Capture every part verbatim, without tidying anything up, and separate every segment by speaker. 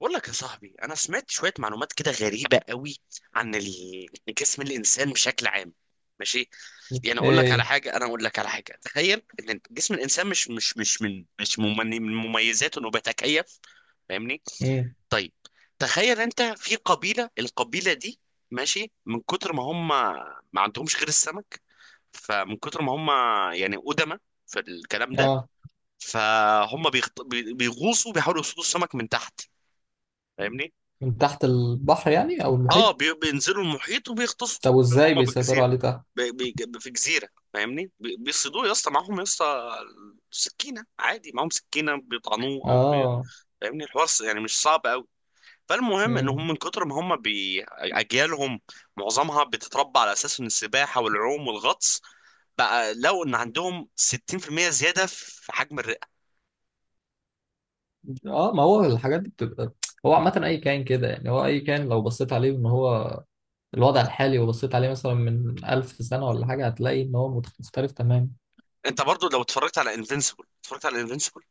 Speaker 1: بقول لك يا صاحبي انا سمعت شويه معلومات كده غريبه قوي عن ال- جسم الانسان بشكل عام. ماشي. يعني اقول لك على
Speaker 2: ايه.
Speaker 1: حاجه، انا اقول لك على حاجه تخيل ان جسم الانسان مش مش مش من مش ممن- من مميزاته انه بيتكيف. فاهمني؟
Speaker 2: امم.
Speaker 1: طيب، تخيل انت في قبيله، القبيله دي ماشي من كتر ما هم ما عندهمش غير السمك. فمن كتر ما هم يعني قدماء في الكلام ده،
Speaker 2: اه.
Speaker 1: فهم بيغط... بي- بيغوصوا بيحاولوا يصطادوا السمك من تحت. فاهمني؟
Speaker 2: من تحت البحر يعني او
Speaker 1: اه،
Speaker 2: المحيط؟
Speaker 1: بي- بينزلوا المحيط وبيغطسوا.
Speaker 2: طب وازاي
Speaker 1: هم
Speaker 2: بيسيطروا
Speaker 1: بالجزيره،
Speaker 2: عليه تحت؟
Speaker 1: بي- بي- في جزيره، فاهمني، بي- بيصيدوه. يا اسطى معاهم، يا اسطى سكينه عادي، معاهم سكينه بيطعنوه او بي...
Speaker 2: اه.
Speaker 1: فاهمني الحوار س- يعني مش صعب قوي. فالمهم ان
Speaker 2: امم.
Speaker 1: هم من كتر ما هم بي... اجيالهم معظمها بتتربى على اساس ان السباحه والعوم والغطس. بقى لو ان عندهم ستين في المية زياده في حجم الرئه.
Speaker 2: اه، ما هو الحاجات دي بتبقى. هو عامة اي كائن كده، يعني هو اي كائن لو بصيت عليه ان هو الوضع الحالي، وبصيت عليه مثلا من ألف سنة ولا حاجة، هتلاقي ان هو مت- مختلف تماما.
Speaker 1: انت برضو لو اتفرجت على انفينسيبل، اتفرجت على انفينسيبل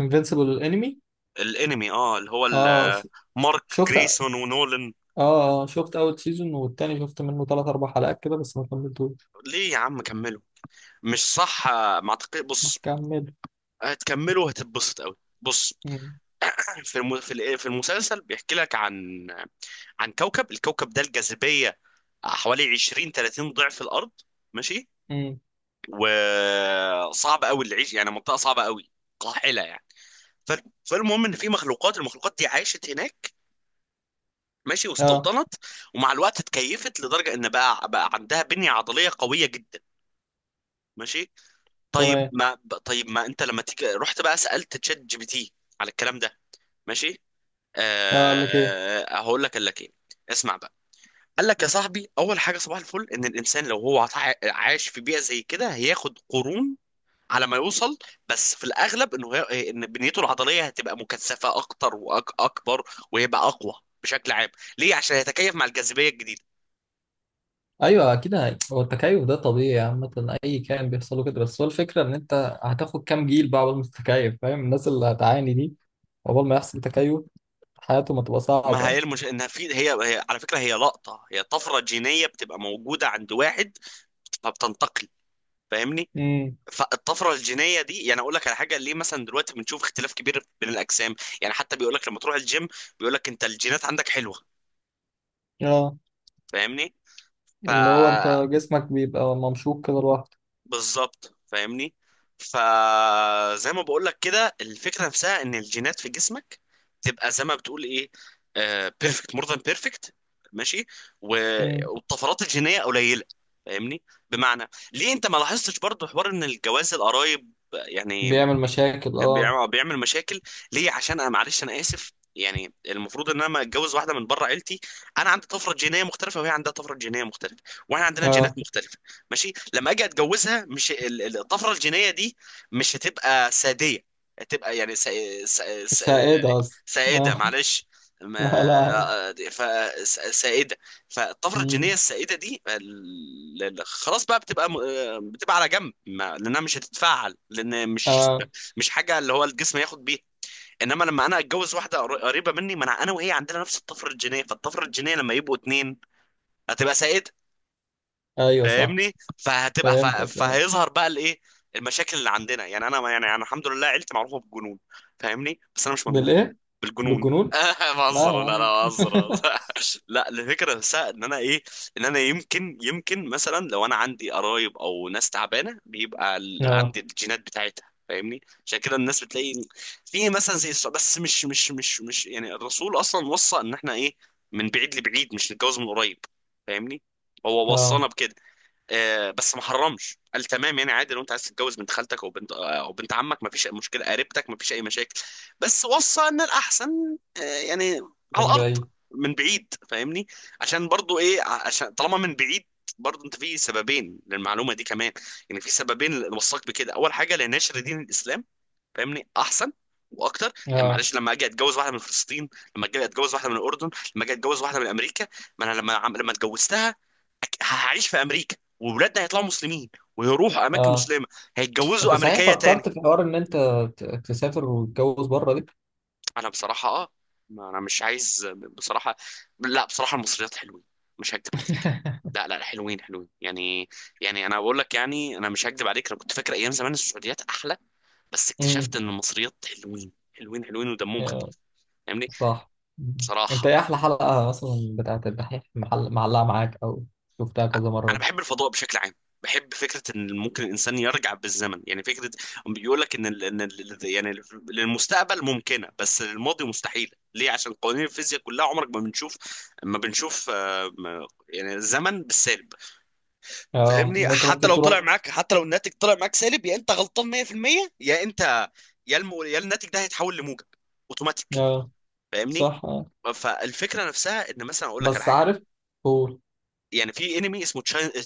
Speaker 2: انفينسيبل انمي؟
Speaker 1: الانمي، اه اللي هو
Speaker 2: اه
Speaker 1: ال-
Speaker 2: ش-
Speaker 1: مارك
Speaker 2: شفت، اه.
Speaker 1: جريسون ونولان.
Speaker 2: آه، شفت اول سيزون، والتاني شفت منه ثلاث اربع حلقات كده بس ما كملتوش.
Speaker 1: ليه يا عم كملوا! مش صح آه، ما اعتقد.
Speaker 2: ما
Speaker 1: بص
Speaker 2: كمل.
Speaker 1: هتكملوا هتتبسط قوي. بص
Speaker 2: امم.
Speaker 1: في الم... في ال- في المسلسل بيحكي لك عن عن كوكب. الكوكب ده الجاذبية حوالي عشرين تلاتين ضعف الأرض. ماشي.
Speaker 2: امم.
Speaker 1: وصعب قوي اللي يعيش، يعني منطقة صعبة قوي، قاحلة يعني. ف... فالمهم ان في مخلوقات، المخلوقات دي عاشت هناك، ماشي،
Speaker 2: اه.
Speaker 1: واستوطنت. ومع الوقت اتكيفت لدرجة ان بقى بقى عندها بنية عضلية قوية جدا. ماشي. طيب
Speaker 2: تمام.
Speaker 1: ما ب- طيب ما انت لما تيجي رحت بقى سألت تشات جي بي تي على الكلام ده. ماشي.
Speaker 2: اه، قال لك ايه؟
Speaker 1: أه هقول لك قال لك ايه. اسمع بقى. قال لك يا صاحبي اول حاجه صباح الفل ان الانسان لو هو عا- عايش في بيئه زي كده هياخد قرون على ما يوصل. بس في الاغلب انه هي... إيه، ان بنيته العضليه هتبقى مكثفه اكتر واكبر، وهيبقى اقوى بشكل عام. ليه؟ عشان يتكيف مع الجاذبيه الجديده.
Speaker 2: ايوه اكيد، هي- هو التكيف ده طبيعي عامه، اي كائن بيحصل له كده، بس هو الفكره ان انت هتاخد كام جيل بقى عقبال ما تتكيف، فاهم؟ الناس اللي هتعاني دي عقبال ما يحصل تكيف حياتهم هتبقى
Speaker 1: ما هي
Speaker 2: صعبه.
Speaker 1: المش... انها في هي... هي على فكره، هي لقطه، هي طفره جينيه بتبقى موجوده عند واحد فبتنتقل. فاهمني؟
Speaker 2: امم.
Speaker 1: فالطفره الجينيه دي، يعني اقول لك على حاجه، ليه مثلا دلوقتي بنشوف اختلاف كبير بين الاجسام؟ يعني حتى بيقول لك لما تروح الجيم بيقول لك انت الجينات عندك حلوه.
Speaker 2: اه،
Speaker 1: فاهمني؟ ف
Speaker 2: اللي هو انت جسمك بيبقى ممشوق كده لوحده.
Speaker 1: بالظبط فاهمني. فزي ما بقول لك كده، الفكره نفسها ان الجينات في جسمك تبقى زي ما بتقول ايه، بيرفكت، مور ذان بيرفكت. ماشي. و-
Speaker 2: امم.
Speaker 1: والطفرات الجينيه قليله. فاهمني؟ بمعنى ليه انت ما لاحظتش برضو حوار ان الجواز القرايب يعني
Speaker 2: بيعمل مشاكل، اه.
Speaker 1: بيعمل بيعمل مشاكل. ليه؟ عشان انا، معلش انا اسف، يعني المفروض ان انا لما اتجوز واحده من بره عيلتي انا عندي طفره جينيه مختلفه وهي عندها طفره جينيه مختلفه، واحنا عندنا جينات
Speaker 2: اه،
Speaker 1: مختلفه. ماشي. لما اجي اتجوزها مش ال- ال- الطفره الجينيه دي مش هتبقى ساديه، هتبقى يعني سا... سا...
Speaker 2: مش
Speaker 1: سا... يعني
Speaker 2: سائده اصلا.
Speaker 1: سائده.
Speaker 2: اه.
Speaker 1: معلش.
Speaker 2: لا لا عادي.
Speaker 1: ما... ف... سا- سائده. فالطفره الجينيه
Speaker 2: امم.
Speaker 1: السائده دي ال- ال- خلاص بقى بتبقى م- بتبقى على جنب ما... لانها مش هتتفعل، لان مش
Speaker 2: اه.
Speaker 1: مش حاجه اللي هو الجسم ياخد بيها. انما لما انا اتجوز واحده قر- قريبه مني، ما انا انا وهي عندنا نفس الطفره الجينيه، فالطفره الجينيه لما يبقوا اتنين هتبقى سائده.
Speaker 2: ايوه صح.
Speaker 1: فاهمني؟ فهتبقى ف-
Speaker 2: فهمتك اه.
Speaker 1: فهيظهر بقى الايه، المشاكل اللي عندنا. يعني انا، يعني انا الحمد لله عيلتي معروفه بالجنون. فاهمني؟ بس انا مش مجنون.
Speaker 2: بالايه؟
Speaker 1: بالجنون.
Speaker 2: بالجنون. لا يا
Speaker 1: بهزر، لا لا،
Speaker 2: عم
Speaker 1: بهزر بهزر. لا، الفكره نفسها ان انا ايه، ان انا يمكن يمكن مثلا لو انا عندي قرايب او ناس تعبانه بيبقى ال-
Speaker 2: اه.
Speaker 1: عندي الجينات بتاعتها. فاهمني؟ عشان كده الناس بتلاقي في مثلا زي السعودية- بس مش مش مش مش يعني الرسول اصلا وصى ان احنا ايه، من بعيد لبعيد مش نتجوز من قريب. فاهمني؟ هو وصانا
Speaker 2: اه،
Speaker 1: بكده آه، بس ما حرمش، قال تمام يعني عادي لو انت عايز تتجوز بنت خالتك او بنت آه، او بنت عمك ما فيش اي مشكله. قريبتك ما فيش اي مشاكل. بس وصى ان الاحسن آه، يعني على
Speaker 2: من
Speaker 1: الارض،
Speaker 2: بعيد.
Speaker 1: من بعيد. فاهمني؟ عشان برضو ايه، ع- عشان طالما من بعيد برضو انت في سببين للمعلومه دي كمان. يعني في سببين اللي وصاك بكده. اول حاجه لنشر دين الاسلام. فاهمني احسن واكتر. يعني
Speaker 2: اه.
Speaker 1: معلش لما اجي اتجوز واحده من فلسطين، لما اجي اتجوز واحده من الاردن، لما اجي اتجوز واحده من امريكا، ما انا لما عم- لما اتجوزتها أك- هعيش في امريكا وولادنا هيطلعوا مسلمين ويروحوا اماكن
Speaker 2: اه،
Speaker 1: مسلمه،
Speaker 2: انت
Speaker 1: هيتجوزوا
Speaker 2: صحيح
Speaker 1: امريكيه تاني.
Speaker 2: فكرت في حوار ان انت ت- تسافر وتتجوز بره دي؟
Speaker 1: انا بصراحه اه ما انا مش عايز بصراحه. لا بصراحه، المصريات حلوين، مش هكدب عليك. لا لا لا، حلوين، حلوين يعني. يعني انا بقول لك، يعني انا مش هكدب عليك، انا كنت فاكر ايام زمان السعوديات احلى، بس اكتشفت
Speaker 2: امم.
Speaker 1: ان المصريات حلوين حلوين حلوين ودمهم
Speaker 2: يا-
Speaker 1: خفيف. فاهمني؟
Speaker 2: صح. مم. انت
Speaker 1: بصراحة،
Speaker 2: ايه احلى حلقة مثلا بتاعت الدحيح محل معلقة معاك، او شفتها كذا
Speaker 1: أنا
Speaker 2: مرة؟
Speaker 1: بحب الفضاء بشكل عام. بحب فكرة إن ممكن الإنسان يرجع بالزمن. يعني فكرة بيقول لك إن ال... إن ال... يعني للمستقبل ممكنة بس للماضي مستحيلة. ليه؟ عشان قوانين الفيزياء كلها عمرك ما بنشوف، ما بنشوف آه، ما- يعني الزمن بالسالب.
Speaker 2: آه،
Speaker 1: فاهمني؟
Speaker 2: ان انت
Speaker 1: حتى
Speaker 2: ممكن
Speaker 1: لو طلع
Speaker 2: تروح.
Speaker 1: معاك، حتى لو الناتج طلع معاك سالب، يا أنت غلطان مية في المية، يا أنت يا الم... يا الناتج ده هيتحول لموجب أوتوماتيك.
Speaker 2: آه.
Speaker 1: فاهمني؟
Speaker 2: صح آه.
Speaker 1: فالفكرة نفسها إن مثلا أقول لك على
Speaker 2: بس
Speaker 1: حاجة.
Speaker 2: عارف. هو.
Speaker 1: يعني في انمي اسمه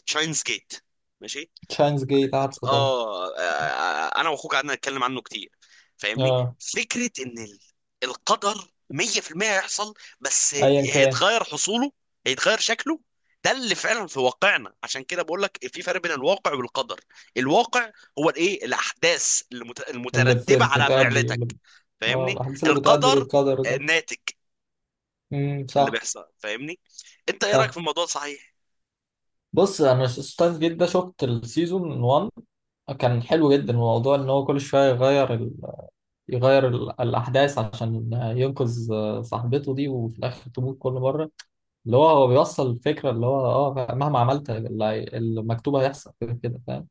Speaker 1: تشاينز جيت. ماشي.
Speaker 2: تشاينز جيت عارفه طبعا.
Speaker 1: اه آه، انا واخوك قعدنا نتكلم عنه كتير. فاهمني؟
Speaker 2: اه.
Speaker 1: فكره ان ال- القدر مية في المية هيحصل، بس
Speaker 2: ايا كان.
Speaker 1: هيتغير حصوله، هيتغير شكله. ده اللي فعلا في واقعنا. عشان كده بقول لك في فرق بين الواقع والقدر. الواقع هو الايه، الاحداث المت-
Speaker 2: اللي بت...
Speaker 1: المترتبه على
Speaker 2: بتأدي اللي...
Speaker 1: فعلتك.
Speaker 2: اه،
Speaker 1: فاهمني؟
Speaker 2: الاحداث اللي بتأدي
Speaker 1: القدر
Speaker 2: للقدر
Speaker 1: آه،
Speaker 2: ده.
Speaker 1: ناتج
Speaker 2: امم
Speaker 1: اللي
Speaker 2: صح.
Speaker 1: بيحصل. فاهمني؟ انت ايه رايك في الموضوع صحيح؟
Speaker 2: بص، انا ستايف جيت ده شفت السيزون واحد، كان حلو جدا. الموضوع ان هو كل شويه يغير ال...، يغير ال... الاحداث عشان ينقذ صاحبته دي، وفي الاخر تموت كل مره. اللي هو هو بيوصل الفكره اللي هو اه مهما عملت، اللي هي- المكتوب هيحصل كده كده، فاهم؟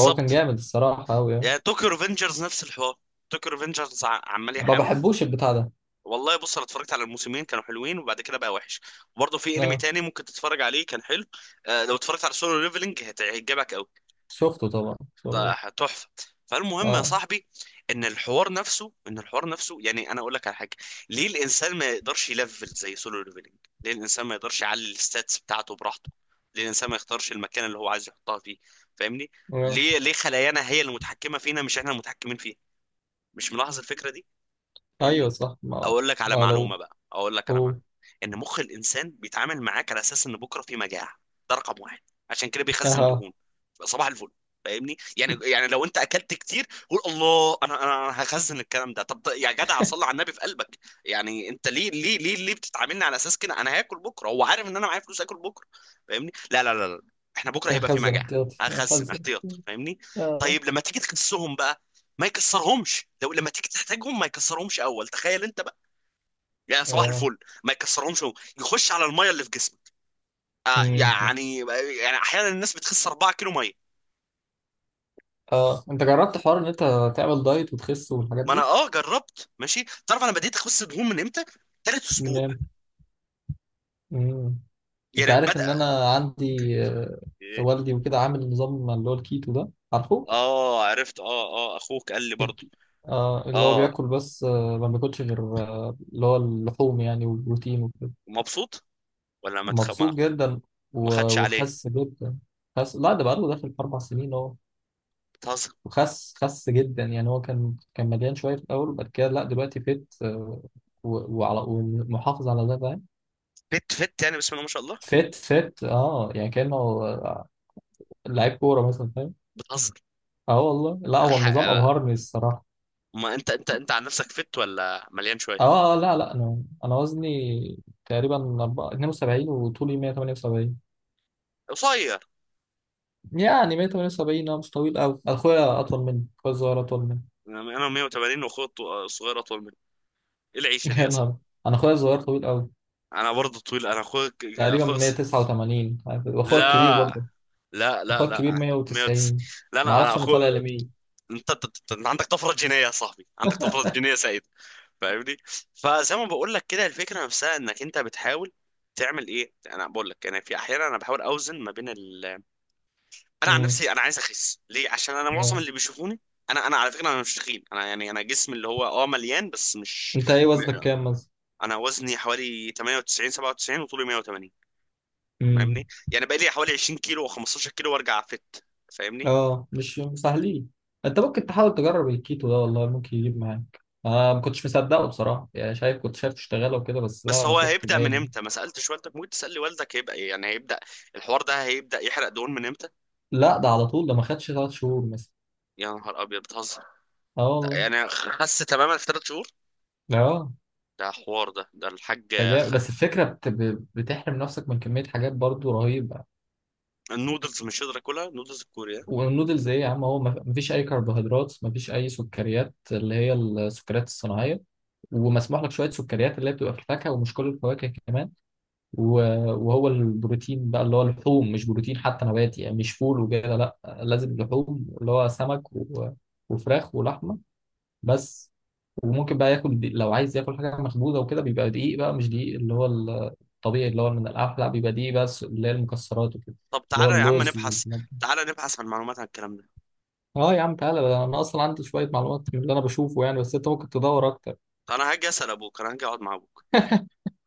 Speaker 2: هو كان جامد الصراحه قوي يعني.
Speaker 1: يعني توكيو ريفنجرز نفس الحوار. توكيو ريفنجرز عمال
Speaker 2: ما
Speaker 1: يحاول.
Speaker 2: بحبوش البتاع ده.
Speaker 1: والله بص انا اتفرجت على الموسمين، كانوا حلوين وبعد كده بقى وحش. وبرضه في انمي
Speaker 2: اه
Speaker 1: تاني ممكن تتفرج عليه كان حلو. آه لو اتفرجت على سولو ليفلنج هت- هيعجبك قوي،
Speaker 2: شفته طبعا،
Speaker 1: ده
Speaker 2: شفته.
Speaker 1: تحفه. فالمهم يا
Speaker 2: اه
Speaker 1: صاحبي ان الحوار نفسه، ان الحوار نفسه يعني انا اقول لك على حاجه، ليه الانسان ما يقدرش يلفل زي سولو ليفلنج؟ ليه الانسان ما يقدرش يعلي الستاتس بتاعته براحته؟ ليه الانسان ما يختارش المكان اللي هو عايز يحطها فيه؟ فاهمني؟
Speaker 2: آه.
Speaker 1: ليه ليه خلايانا هي المتحكمه فينا مش احنا المتحكمين فيها؟ مش ملاحظ الفكره دي؟
Speaker 2: ايوه
Speaker 1: فاهمني.
Speaker 2: صح ما.
Speaker 1: اقول لك على
Speaker 2: ما
Speaker 1: معلومه
Speaker 2: لو.
Speaker 1: بقى، اقول لك على
Speaker 2: هو.
Speaker 1: معلومه. ان مخ الانسان بيتعامل معاك على اساس ان بكره في مجاعه. ده رقم واحد. عشان كده بيخزن
Speaker 2: اه.
Speaker 1: دهون. صباح الفل. فاهمني؟ يعني يعني لو انت اكلت كتير قول الله، انا انا أنا هخزن الكلام ده. طب يا جدع صلي على النبي في قلبك. يعني انت ليه ليه ليه ليه بتتعاملني على اساس كده؟ انا هاكل بكره، هو عارف ان انا معايا فلوس اكل بكره. فاهمني؟ لا لا لا, لا. احنا بكره هيبقى في
Speaker 2: خزن
Speaker 1: مجاعه،
Speaker 2: احتياطي.
Speaker 1: هخزن
Speaker 2: خزن.
Speaker 1: احتياط. فاهمني؟
Speaker 2: آه.
Speaker 1: طيب لما تيجي تكسهم بقى ما يكسرهمش، لو لما تيجي تحتاجهم ما يكسرهمش اول. تخيل انت، يعني صباح
Speaker 2: اه.
Speaker 1: الفل ما يكسرهمش هو. يخش على الميه اللي في جسمك. آه
Speaker 2: مم.
Speaker 1: يعني يعني احيانا الناس بتخس 4 كيلو ميه.
Speaker 2: اه، انت جربت حوار ان انت تعمل دايت وتخس والحاجات
Speaker 1: ما انا
Speaker 2: دي؟
Speaker 1: اه جربت، ماشي. تعرف انا بديت اخس دهون من امتى؟ تالت اسبوع
Speaker 2: منين. مم. انت
Speaker 1: يعني
Speaker 2: عارف
Speaker 1: بدأ.
Speaker 2: ان انا عندي آه،
Speaker 1: إيه؟
Speaker 2: والدي وكده عامل نظام اللي هو الكيتو ده، عارفه؟
Speaker 1: اه عرفت. اه اه اخوك قال لي برضو.
Speaker 2: الك- آه، اللي هو
Speaker 1: اه.
Speaker 2: بياكل بس آه، ما بياكلش غير آه اللي هو اللحوم، يعني والبروتين وكده.
Speaker 1: مبسوط ولا ما تخ... ما,
Speaker 2: مبسوط جدا.
Speaker 1: ما
Speaker 2: و-
Speaker 1: خدش عليه.
Speaker 2: وخس جدا. خس، لا ده بقاله داخل في اربع سنين اهو.
Speaker 1: بتهزر.
Speaker 2: وخس خس جدا، يعني هو كان كان مليان شويه في الاول، وبعد كده لا دلوقتي فت، آه، و- وعلى، ومحافظ على ده، فاهم؟
Speaker 1: فت فت يعني بسم الله ما شاء الله.
Speaker 2: فت فت، اه، يعني كانه آه، لعيب كوره مثلا، فاهم؟
Speaker 1: بتهزر.
Speaker 2: اه والله، لا هو النظام
Speaker 1: الحق.
Speaker 2: ابهرني الصراحه.
Speaker 1: ما انت انت انت عن نفسك فت ولا مليان شويه؟
Speaker 2: اه آه، لا لا، انا انا وزني تقريبا أربعة- اتنين وسبعين، وطولي مية وتمانية وسبعين،
Speaker 1: قصير.
Speaker 2: يعني مية وتمانية وسبعين، اه مش طويل قوي، اخويا اطول مني، اخويا الصغير اطول مني.
Speaker 1: انا مية وتمانين واخويا الط- الصغير اطول مني. ايه العيشه دي
Speaker 2: يا
Speaker 1: يا صاحبي.
Speaker 2: نهار، انا اخويا الصغير طويل قوي،
Speaker 1: انا برضه طويل. انا اخوك،
Speaker 2: تقريبا
Speaker 1: اخوك
Speaker 2: مية وتسعة وتمانين، واخويا الكبير
Speaker 1: لا
Speaker 2: برضه.
Speaker 1: لا لا
Speaker 2: اخوك
Speaker 1: لا
Speaker 2: كبير
Speaker 1: مية وتسعين.
Speaker 2: مئة وتسعين.
Speaker 1: لا
Speaker 2: ما
Speaker 1: انا انا
Speaker 2: اعرفش انا
Speaker 1: اخو.
Speaker 2: طالع لمين.
Speaker 1: انت انت أنت- أنت عندك طفره جينيه يا صاحبي، عندك طفره جينيه سعيد. فاهمني. فزي ما بقول لك كده الفكره نفسها انك انت بتحاول تعمل ايه. انا بقول لك انا في احيانا انا بحاول اوزن ما بين ال... انا عن
Speaker 2: امم.
Speaker 1: نفسي انا عايز اخس، ليه؟ عشان انا معظم
Speaker 2: اه.
Speaker 1: اللي بيشوفوني انا، انا على فكره انا مش تخين، انا يعني انا جسمي اللي هو اه مليان بس مش
Speaker 2: انت ايه
Speaker 1: م-
Speaker 2: وزنك كام مثلا؟
Speaker 1: انا وزني حوالي تمانية وتسعين سبعة وتسعين وطولي مية وتمانين.
Speaker 2: امم.
Speaker 1: فاهمني، يعني بقى لي حوالي عشرين كيلو و15 كيلو وارجع فت. فاهمني؟
Speaker 2: اه مش سهلين. انت ممكن تحاول تجرب الكيتو ده، والله ممكن يجيب معاك. انا ما كنتش مصدقه بصراحه، يعني شايف كنت شايف تشتغله وكده، بس
Speaker 1: بس
Speaker 2: لا انا
Speaker 1: هو
Speaker 2: شفته
Speaker 1: هيبدأ من
Speaker 2: بعيني.
Speaker 1: امتى ما سألتش والدك، ممكن تسأل لي والدك هيبقى ايه يعني هيبدأ الحوار ده، هيبدأ يحرق دهون من امتى.
Speaker 2: لا ده على طول، ده ما خدش تلات شهور مثلا.
Speaker 1: يا نهار ابيض بتهزر!
Speaker 2: اه
Speaker 1: ده
Speaker 2: والله.
Speaker 1: يعني خس تماما في ثلاث شهور؟
Speaker 2: اه.
Speaker 1: ده حوار، ده ده الحاج.
Speaker 2: ده
Speaker 1: خ...
Speaker 2: جامد، بس الفكره بت... ب- بتحرم نفسك من كميه حاجات برضو رهيبه.
Speaker 1: النودلز مش قادر اكلها، النودلز الكورية.
Speaker 2: والنودلز ايه يا عم، هو ما ما فيش اي كربوهيدرات، ما فيش اي سكريات اللي هي السكريات الصناعيه، ومسموح لك شويه سكريات اللي هي بتبقى في الفاكهه، ومش كل الفواكه كمان. و- وهو البروتين بقى اللي هو اللحوم، مش بروتين حتى نباتي يعني، مش فول وكده، لا لازم لحوم اللي هو سمك و- وفراخ ولحمه، بس. وممكن بقى ياكل دي- لو عايز ياكل حاجه مخبوزه وكده، بيبقى دقيق بقى مش دقيق اللي هو الطبيعي اللي هو من القمح، لا بيبقى دقيق بس اللي هي المكسرات وكده،
Speaker 1: طب
Speaker 2: اللي هو
Speaker 1: تعالى يا عم
Speaker 2: اللوز
Speaker 1: نبحث،
Speaker 2: والكلام ده.
Speaker 1: تعالى نبحث عن معلومات عن الكلام ده.
Speaker 2: اه يا عم تعالى، ده انا اصلا عندي شويه معلومات من اللي انا بشوفه يعني، بس انت ممكن تدور اكتر.
Speaker 1: انا هاجي اسأل ابوك، انا هاجي اقعد مع ابوك.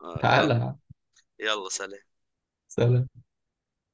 Speaker 1: آه آه.
Speaker 2: تعالى يا عم.
Speaker 1: يلا سلام.
Speaker 2: سلام.